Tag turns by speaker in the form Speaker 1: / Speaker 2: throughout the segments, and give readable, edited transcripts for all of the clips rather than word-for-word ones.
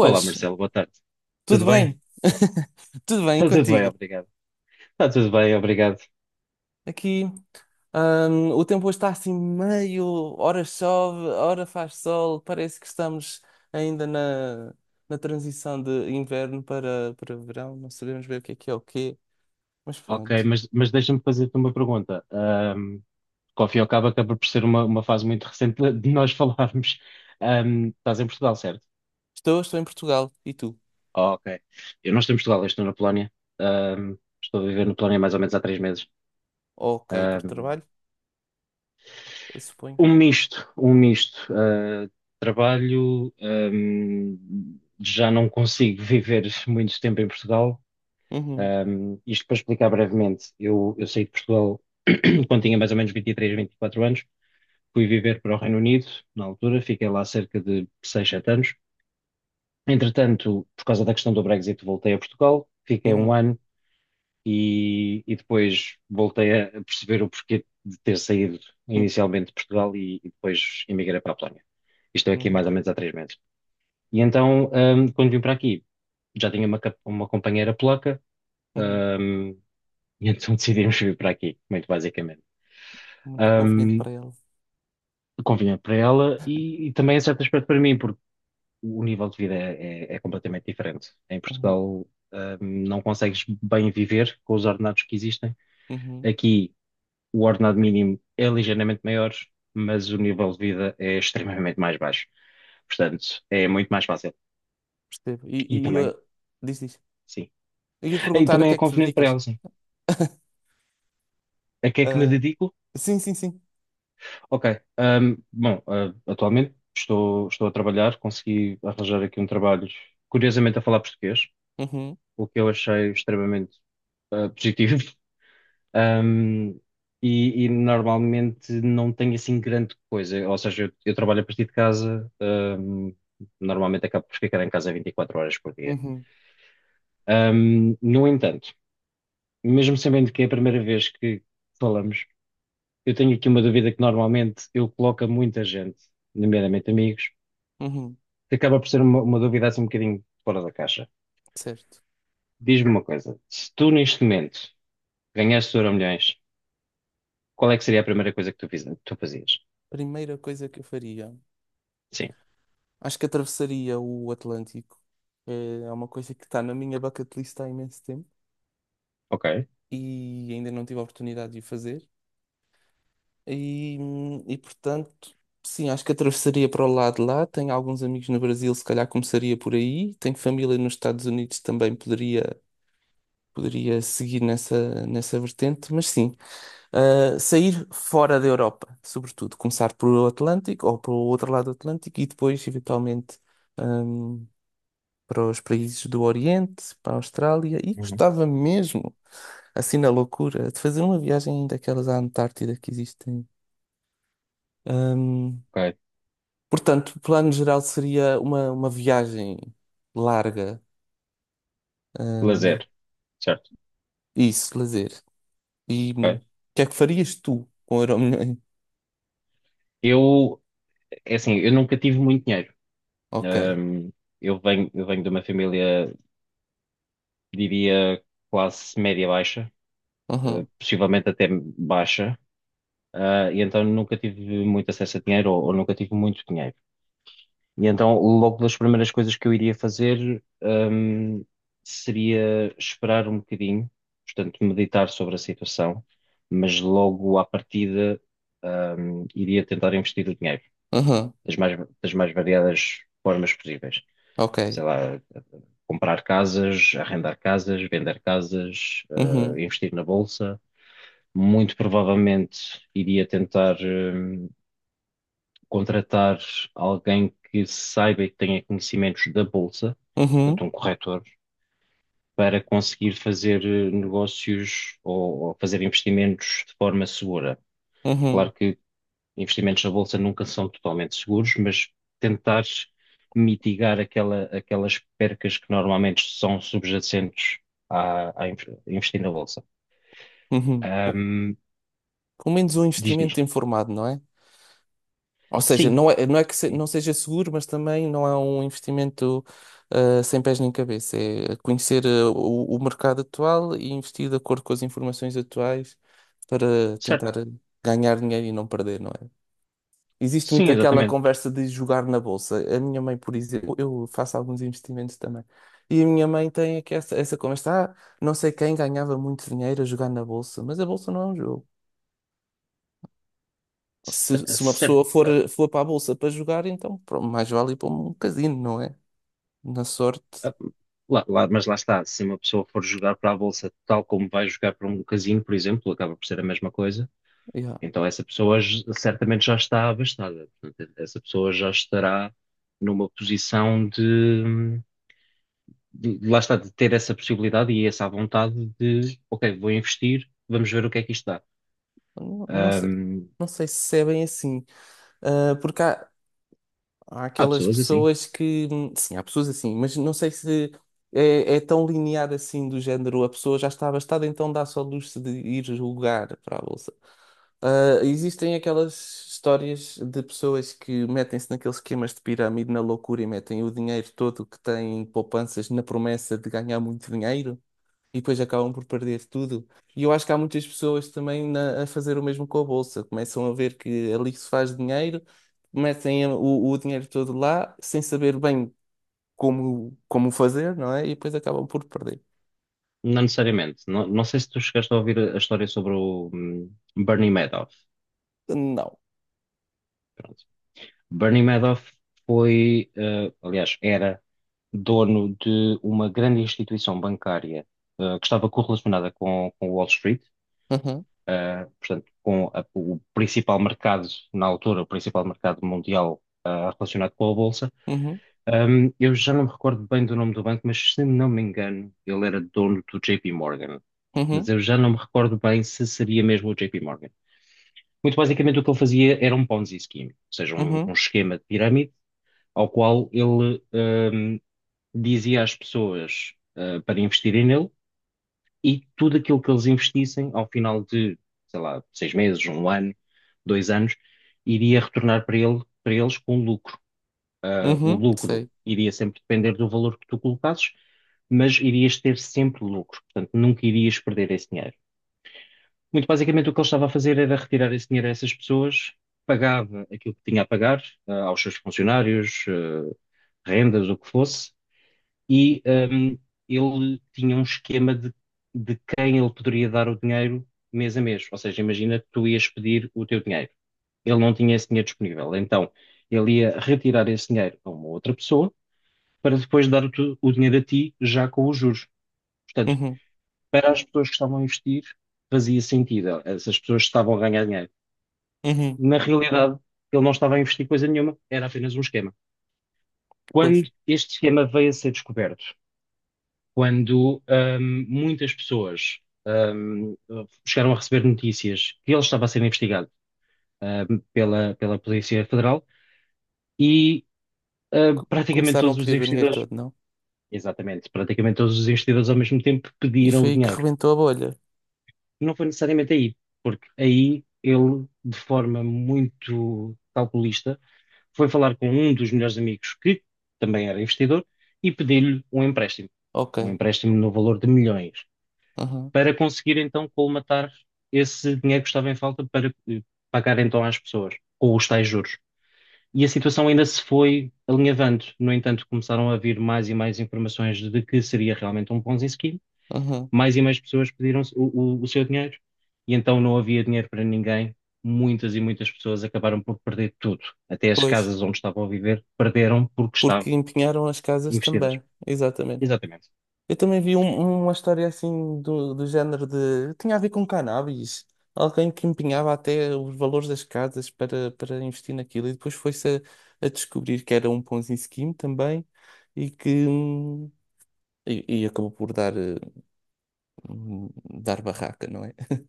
Speaker 1: Olá Marcelo, boa tarde. Tudo
Speaker 2: tudo
Speaker 1: bem?
Speaker 2: bem? Tudo bem
Speaker 1: Está tudo bem,
Speaker 2: contigo?
Speaker 1: obrigado. Está tudo bem, obrigado.
Speaker 2: Aqui, o tempo hoje está assim meio, ora chove, ora faz sol, parece que estamos ainda na transição de inverno para verão, não sabemos bem o que é o quê, mas
Speaker 1: Ok,
Speaker 2: pronto.
Speaker 1: mas deixa-me fazer-te uma pergunta. Que ao fim e ao cabo acaba por ser uma fase muito recente de nós falarmos. Estás em Portugal, certo?
Speaker 2: Estou, estou em Portugal, e tu?
Speaker 1: Oh, ok. Eu não estou em Portugal, eu estou na Polónia. Estou a viver na Polónia mais ou menos há 3 meses.
Speaker 2: Ok, por
Speaker 1: Ahm,
Speaker 2: trabalho, suponho.
Speaker 1: Um misto, um misto. Trabalho, já não consigo viver muito tempo em Portugal.
Speaker 2: Uhum,
Speaker 1: Isto para explicar brevemente, eu saí de Portugal quando tinha mais ou menos vinte e quatro anos, fui viver para o Reino Unido, na altura, fiquei lá cerca de 6 7 anos. Entretanto, por causa da questão do Brexit, voltei a Portugal, fiquei um
Speaker 2: uhum,
Speaker 1: ano e depois voltei a perceber o porquê de ter saído
Speaker 2: uhum,
Speaker 1: inicialmente de Portugal e depois emigrei para a Polónia. E estou aqui
Speaker 2: uhum,
Speaker 1: mais ou menos há 3 meses. E então, quando vim para aqui, já tinha uma companheira polaca.
Speaker 2: uhum.
Speaker 1: um, E então decidimos vir para aqui, muito basicamente.
Speaker 2: Muito conveniente
Speaker 1: Ahm,
Speaker 2: para ela.
Speaker 1: Convinha para ela e também, em certo aspecto, para mim, porque o nível de vida é completamente diferente. Em
Speaker 2: Uhum,
Speaker 1: Portugal, ahm, não consegues bem viver com os ordenados que existem.
Speaker 2: uhum,
Speaker 1: Aqui, o ordenado mínimo é ligeiramente maior, mas o nível de vida é extremamente mais baixo. Portanto, é muito mais fácil.
Speaker 2: percebo. E,
Speaker 1: E
Speaker 2: e eu,
Speaker 1: também,
Speaker 2: diz, diz.
Speaker 1: sim.
Speaker 2: Eu ia te
Speaker 1: E
Speaker 2: perguntar a
Speaker 1: também
Speaker 2: que
Speaker 1: é
Speaker 2: é que te
Speaker 1: conveniente para
Speaker 2: dedicas?
Speaker 1: ela, sim. A que é que me
Speaker 2: Ah,
Speaker 1: dedico?
Speaker 2: sim, sim, sim.
Speaker 1: Ok. Bom, atualmente estou a trabalhar, consegui arranjar aqui um trabalho, curiosamente a falar português,
Speaker 2: Uhum,
Speaker 1: o que eu achei extremamente positivo. Ahm, e normalmente não tenho assim grande coisa, ou seja, eu trabalho a partir de casa, normalmente acabo por ficar em casa 24 horas por dia.
Speaker 2: uhum,
Speaker 1: No entanto, mesmo sabendo que é a primeira vez que falamos, eu tenho aqui uma dúvida que normalmente eu coloco a muita gente, nomeadamente amigos,
Speaker 2: uhum,
Speaker 1: que acaba por ser uma dúvida assim um bocadinho fora da caixa.
Speaker 2: certo.
Speaker 1: Diz-me uma coisa, se tu neste momento ganhasses o Euromilhões, qual é que seria a primeira coisa que tu fazias?
Speaker 2: Primeira coisa que eu faria.
Speaker 1: Sim,
Speaker 2: Acho que atravessaria o Atlântico. É uma coisa que está na minha bucket list há imenso tempo
Speaker 1: ok.
Speaker 2: e ainda não tive a oportunidade de o fazer. E portanto, sim, acho que atravessaria para o lado de lá. Tenho alguns amigos no Brasil, se calhar começaria por aí. Tenho família nos Estados Unidos também, poderia seguir nessa vertente. Mas sim, sair fora da Europa, sobretudo, começar pelo Atlântico ou pelo outro lado do Atlântico e depois, eventualmente, um, para os países do Oriente, para a Austrália. E
Speaker 1: Uhum.
Speaker 2: gostava mesmo, assim na loucura, de fazer uma viagem daquelas à Antártida que existem. Um,
Speaker 1: Ok.
Speaker 2: Portanto, o plano geral seria uma viagem larga, um,
Speaker 1: Lazer, certo.
Speaker 2: isso, lazer. E o
Speaker 1: Ok.
Speaker 2: que é que farias tu com o Euromilhões?
Speaker 1: Eu, é assim, eu nunca tive muito dinheiro.
Speaker 2: Ok,
Speaker 1: Ahm, eu venho de uma família, diria, classe média-baixa,
Speaker 2: aham,
Speaker 1: possivelmente até baixa. E então nunca tive muito acesso a dinheiro ou nunca tive muito dinheiro. E então, logo das primeiras coisas que eu iria fazer, seria esperar um bocadinho, portanto, meditar sobre a situação, mas logo à partida, iria tentar investir o dinheiro
Speaker 2: aham,
Speaker 1: das mais variadas formas possíveis.
Speaker 2: ok.
Speaker 1: Sei lá, comprar casas, arrendar casas, vender casas,
Speaker 2: Uhum.
Speaker 1: investir na bolsa. Muito provavelmente iria tentar, contratar alguém que saiba e que tenha conhecimentos da bolsa, portanto,
Speaker 2: Uhum,
Speaker 1: um corretor, para conseguir fazer negócios ou fazer investimentos de forma segura.
Speaker 2: uhum,
Speaker 1: Claro que investimentos na bolsa nunca são totalmente seguros, mas tentar mitigar aquelas percas que normalmente são subjacentes a investir na bolsa.
Speaker 2: uhum. Pô,
Speaker 1: Ahm,
Speaker 2: pelo menos um
Speaker 1: Diz, diz.
Speaker 2: investimento informado, não é? Ou seja,
Speaker 1: Sim,
Speaker 2: não é que
Speaker 1: sim.
Speaker 2: não seja seguro, mas também não é um investimento sem pés nem cabeça. É conhecer, o mercado atual e investir de acordo com as informações atuais para tentar
Speaker 1: Certo.
Speaker 2: ganhar dinheiro e não perder, não é? Existe
Speaker 1: Sim,
Speaker 2: muito aquela
Speaker 1: exatamente.
Speaker 2: conversa de jogar na bolsa. A minha mãe, por exemplo, eu faço alguns investimentos também. E a minha mãe tem aqui essa conversa, não sei quem ganhava muito dinheiro a jogar na bolsa, mas a bolsa não é um jogo. Se uma
Speaker 1: Cer-
Speaker 2: pessoa for para a bolsa para jogar, então pronto, mais vale ir para um casino, não é? Na sorte,
Speaker 1: Ah, mas lá está, se uma pessoa for jogar para a bolsa tal como vai jogar para um casino, por exemplo, acaba por ser a mesma coisa,
Speaker 2: yeah.
Speaker 1: então essa pessoa certamente já está abastada. Portanto, essa pessoa já estará numa posição lá está, de ter essa possibilidade e essa vontade de, ok, vou investir, vamos ver o que é que isto dá.
Speaker 2: Não, não sei.
Speaker 1: Ahm,
Speaker 2: Não sei se é bem assim. Ah, porque há
Speaker 1: Há
Speaker 2: aquelas
Speaker 1: pessoas assim,
Speaker 2: pessoas que. Sim, há pessoas assim, mas não sei se é tão linear assim do género. A pessoa já está abastada, então dá só luxo de ir jogar para a bolsa. Ah, existem aquelas histórias de pessoas que metem-se naqueles esquemas de pirâmide na loucura e metem o dinheiro todo que têm em poupanças na promessa de ganhar muito dinheiro e depois acabam por perder tudo. E eu acho que há muitas pessoas também na- a fazer o mesmo com a bolsa. Começam a ver que ali se faz dinheiro, metem o dinheiro todo lá sem saber bem como fazer, não é? E depois acabam por perder.
Speaker 1: não necessariamente. Não, não sei se tu chegaste a ouvir a história sobre o Bernie Madoff.
Speaker 2: Não.
Speaker 1: Bernie Madoff foi, aliás, era dono de uma grande instituição bancária, que estava correlacionada com Wall Street,
Speaker 2: Uhum,
Speaker 1: portanto, com o principal mercado, na altura, o principal mercado mundial, relacionado com a Bolsa.
Speaker 2: uhum,
Speaker 1: Eu já não me recordo bem do nome do banco, mas se não me engano, ele era dono do JP Morgan. Mas
Speaker 2: uhum,
Speaker 1: eu já não me recordo bem se seria mesmo o JP Morgan. Muito basicamente, o que ele fazia era um Ponzi scheme, ou seja, um
Speaker 2: uhum,
Speaker 1: esquema de pirâmide ao qual ele dizia às pessoas para investirem nele, e tudo aquilo que eles investissem ao final de, sei lá, 6 meses, um ano, 2 anos, iria retornar para ele, para eles com lucro. O
Speaker 2: uhum,
Speaker 1: lucro
Speaker 2: sei.
Speaker 1: iria sempre depender do valor que tu colocasses, mas irias ter sempre lucro, portanto, nunca irias perder esse dinheiro. Muito basicamente o que ele estava a fazer era retirar esse dinheiro a essas pessoas, pagava aquilo que tinha a pagar, aos seus funcionários, rendas, o que fosse, e hum, ele tinha um esquema de quem ele poderia dar o dinheiro mês a mês. Ou seja, imagina que tu ias pedir o teu dinheiro. Ele não tinha esse dinheiro disponível. Então, ele ia retirar esse dinheiro a uma outra pessoa para depois dar o dinheiro a ti já com os juros. Portanto,
Speaker 2: Uhum,
Speaker 1: para as pessoas que estavam a investir, fazia sentido. Essas pessoas estavam a ganhar dinheiro.
Speaker 2: uhum.
Speaker 1: Na realidade, ele não estava a investir coisa nenhuma, era apenas um esquema.
Speaker 2: Pois.
Speaker 1: Quando este esquema veio a ser descoberto, quando muitas pessoas ahm, chegaram a receber notícias que ele estava a ser investigado, pela Polícia Federal e praticamente
Speaker 2: Começaram a
Speaker 1: todos os
Speaker 2: pedir o dinheiro
Speaker 1: investidores,
Speaker 2: todo, não?
Speaker 1: exatamente, praticamente todos os investidores ao mesmo tempo
Speaker 2: E
Speaker 1: pediram
Speaker 2: foi
Speaker 1: o
Speaker 2: aí que
Speaker 1: dinheiro.
Speaker 2: rebentou a bolha.
Speaker 1: Não foi necessariamente aí, porque aí ele, de forma muito calculista, foi falar com um dos melhores amigos que também era investidor e pediu-lhe um empréstimo.
Speaker 2: Ok.
Speaker 1: Um empréstimo no valor de milhões.
Speaker 2: Aham,
Speaker 1: Para conseguir então colmatar esse dinheiro que estava em falta para pagar então às pessoas, com os tais juros. E a situação ainda se foi alinhavando. No entanto, começaram a vir mais e mais informações de que seria realmente um Ponzi scheme.
Speaker 2: aham.
Speaker 1: Mais e mais pessoas pediram o seu dinheiro e então não havia dinheiro para ninguém. Muitas e muitas pessoas acabaram por perder tudo. Até as
Speaker 2: Pois,
Speaker 1: casas onde estavam a viver perderam porque
Speaker 2: porque
Speaker 1: estavam
Speaker 2: empenharam as casas
Speaker 1: investidas.
Speaker 2: também. Exatamente.
Speaker 1: Exatamente.
Speaker 2: Eu também vi uma história assim do género de. Tinha a ver com cannabis. Alguém que empenhava até os valores das casas para investir naquilo. E depois foi-se a descobrir que era um Ponzi scheme também e que. E acabou por hum, dar barraca, não é?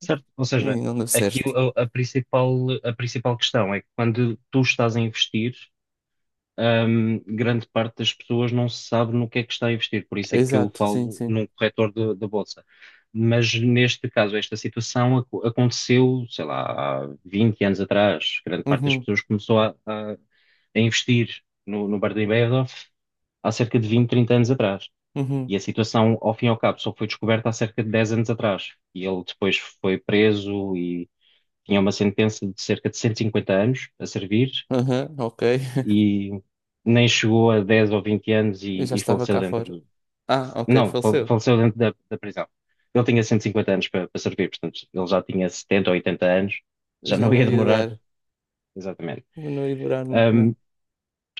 Speaker 1: Certo? Ou
Speaker 2: E
Speaker 1: seja,
Speaker 2: não deu
Speaker 1: aqui
Speaker 2: certo.
Speaker 1: a, a principal, a principal questão é que quando tu estás a investir, grande parte das pessoas não sabe no que é que está a investir, por isso é que eu
Speaker 2: Exato, sim,
Speaker 1: falo
Speaker 2: sim.
Speaker 1: num corretor da bolsa. Mas neste caso, esta situação aconteceu, sei lá, há 20 anos atrás. Grande parte das
Speaker 2: Uhum.
Speaker 1: pessoas começou a investir no Bernie Madoff há cerca de 20, 30 anos atrás.
Speaker 2: Uhum.
Speaker 1: E a situação, ao fim e ao cabo, só foi descoberta há cerca de 10 anos atrás. E ele depois foi preso, tinha uma sentença de cerca de 150 anos a servir
Speaker 2: Aham, ok.
Speaker 1: e nem chegou a 10 ou 20 anos
Speaker 2: Eu já
Speaker 1: e
Speaker 2: estava
Speaker 1: faleceu
Speaker 2: cá
Speaker 1: dentro
Speaker 2: fora.
Speaker 1: do-
Speaker 2: Ah, ok,
Speaker 1: Não,
Speaker 2: faleceu.
Speaker 1: faleceu dentro da prisão. Ele tinha 150 anos para, para servir, portanto, ele já tinha 70 ou 80 anos, já
Speaker 2: Já
Speaker 1: não ia
Speaker 2: não ia
Speaker 1: demorar,
Speaker 2: dar.
Speaker 1: exatamente.
Speaker 2: Não ia durar muito, não.
Speaker 1: Ahm,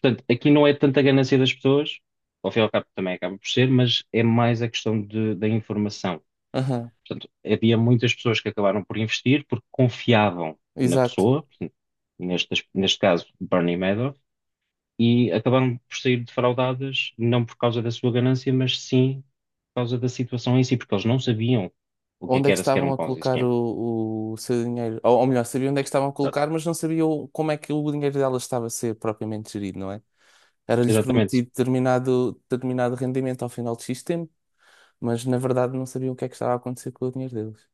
Speaker 1: Portanto, aqui não é tanta ganância das pessoas, ao fim e ao cabo também acaba por ser, mas é mais a questão da informação.
Speaker 2: Aham,
Speaker 1: Portanto, havia muitas pessoas que acabaram por investir porque confiavam na
Speaker 2: exato.
Speaker 1: pessoa, portanto, neste caso Bernie Madoff, e acabaram por sair defraudadas, não por causa da sua ganância, mas sim por causa da situação em si, porque eles não sabiam o que é
Speaker 2: Onde
Speaker 1: que
Speaker 2: é que
Speaker 1: era sequer
Speaker 2: estavam
Speaker 1: um
Speaker 2: a
Speaker 1: Ponzi
Speaker 2: colocar
Speaker 1: scheme.
Speaker 2: o seu dinheiro? Ou melhor, sabia onde é que estavam a
Speaker 1: Exato.
Speaker 2: colocar, mas não sabia como é que o dinheiro dela estava a ser propriamente gerido, não é? Era-lhes
Speaker 1: Exatamente.
Speaker 2: prometido determinado rendimento ao final de X tempo, mas na verdade não sabiam o que é que estava a acontecer com o dinheiro deles.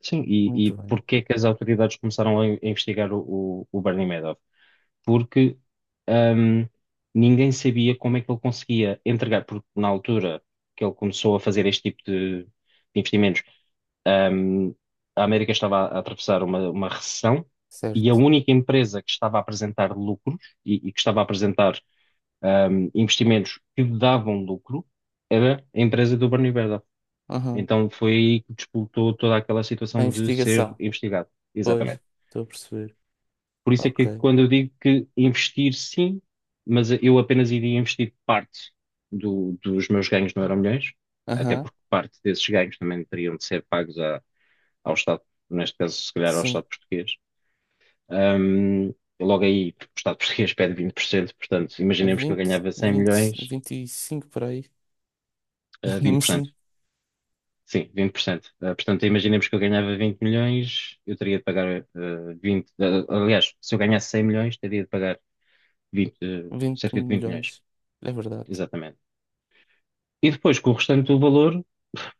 Speaker 1: Sim, e
Speaker 2: Muito bem,
Speaker 1: porque é que as autoridades começaram a investigar o Bernie Madoff? Porque hum, ninguém sabia como é que ele conseguia entregar, porque na altura que ele começou a fazer este tipo de investimentos, hum, a América estava a atravessar uma recessão e a
Speaker 2: certo.
Speaker 1: única empresa que estava a apresentar lucros e que estava a apresentar investimentos que davam lucro era a empresa do Bernie Madoff.
Speaker 2: Aham.
Speaker 1: Então foi aí que disputou toda aquela
Speaker 2: A
Speaker 1: situação de ser
Speaker 2: investigação.
Speaker 1: investigado.
Speaker 2: Pois,
Speaker 1: Exatamente.
Speaker 2: estou a perceber.
Speaker 1: Por isso é que
Speaker 2: Ok.
Speaker 1: quando eu digo que investir sim, mas eu apenas iria investir parte dos meus ganhos no Euromilhões, até
Speaker 2: Aham.
Speaker 1: porque parte desses ganhos também teriam de ser pagos ao Estado, neste caso, se calhar ao
Speaker 2: Sim,
Speaker 1: Estado português. Ahm, Logo aí, o Estado português pede 20%, portanto,
Speaker 2: a
Speaker 1: imaginemos que eu
Speaker 2: vinte
Speaker 1: ganhava cem
Speaker 2: vinte
Speaker 1: milhões,
Speaker 2: vinte e cinco por aí.
Speaker 1: vinte
Speaker 2: Mas
Speaker 1: por cento
Speaker 2: sim,
Speaker 1: Sim, 20%. Portanto, imaginemos que eu ganhava 20 milhões, eu teria de pagar 20. Aliás, se eu ganhasse 100 milhões, teria de pagar 20,
Speaker 2: vinte
Speaker 1: cerca de 20 milhões.
Speaker 2: milhões. É verdade.
Speaker 1: Exatamente. E depois, com o restante do valor,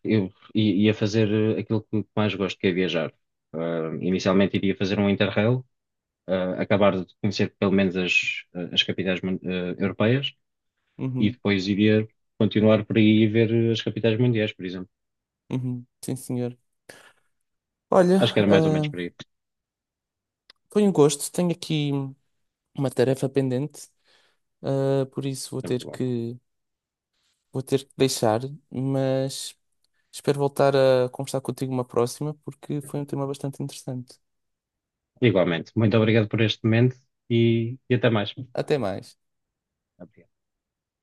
Speaker 1: eu ia fazer aquilo que mais gosto, que é viajar. Inicialmente iria fazer um Interrail, acabar de conhecer pelo menos as, as capitais europeias e
Speaker 2: Uhum,
Speaker 1: depois iria continuar por aí e ver as capitais mundiais, por exemplo.
Speaker 2: uhum, sim, senhor.
Speaker 1: Acho que
Speaker 2: Olha,
Speaker 1: era mais ou menos
Speaker 2: ah,
Speaker 1: por aí.
Speaker 2: foi um gosto. Tenho aqui uma tarefa pendente, por isso vou
Speaker 1: Sem
Speaker 2: ter
Speaker 1: problema.
Speaker 2: que, vou ter que deixar, mas espero voltar a conversar contigo uma próxima, porque foi um tema bastante interessante.
Speaker 1: Igualmente. Muito obrigado por este momento e até mais.
Speaker 2: Até mais.
Speaker 1: Obrigado.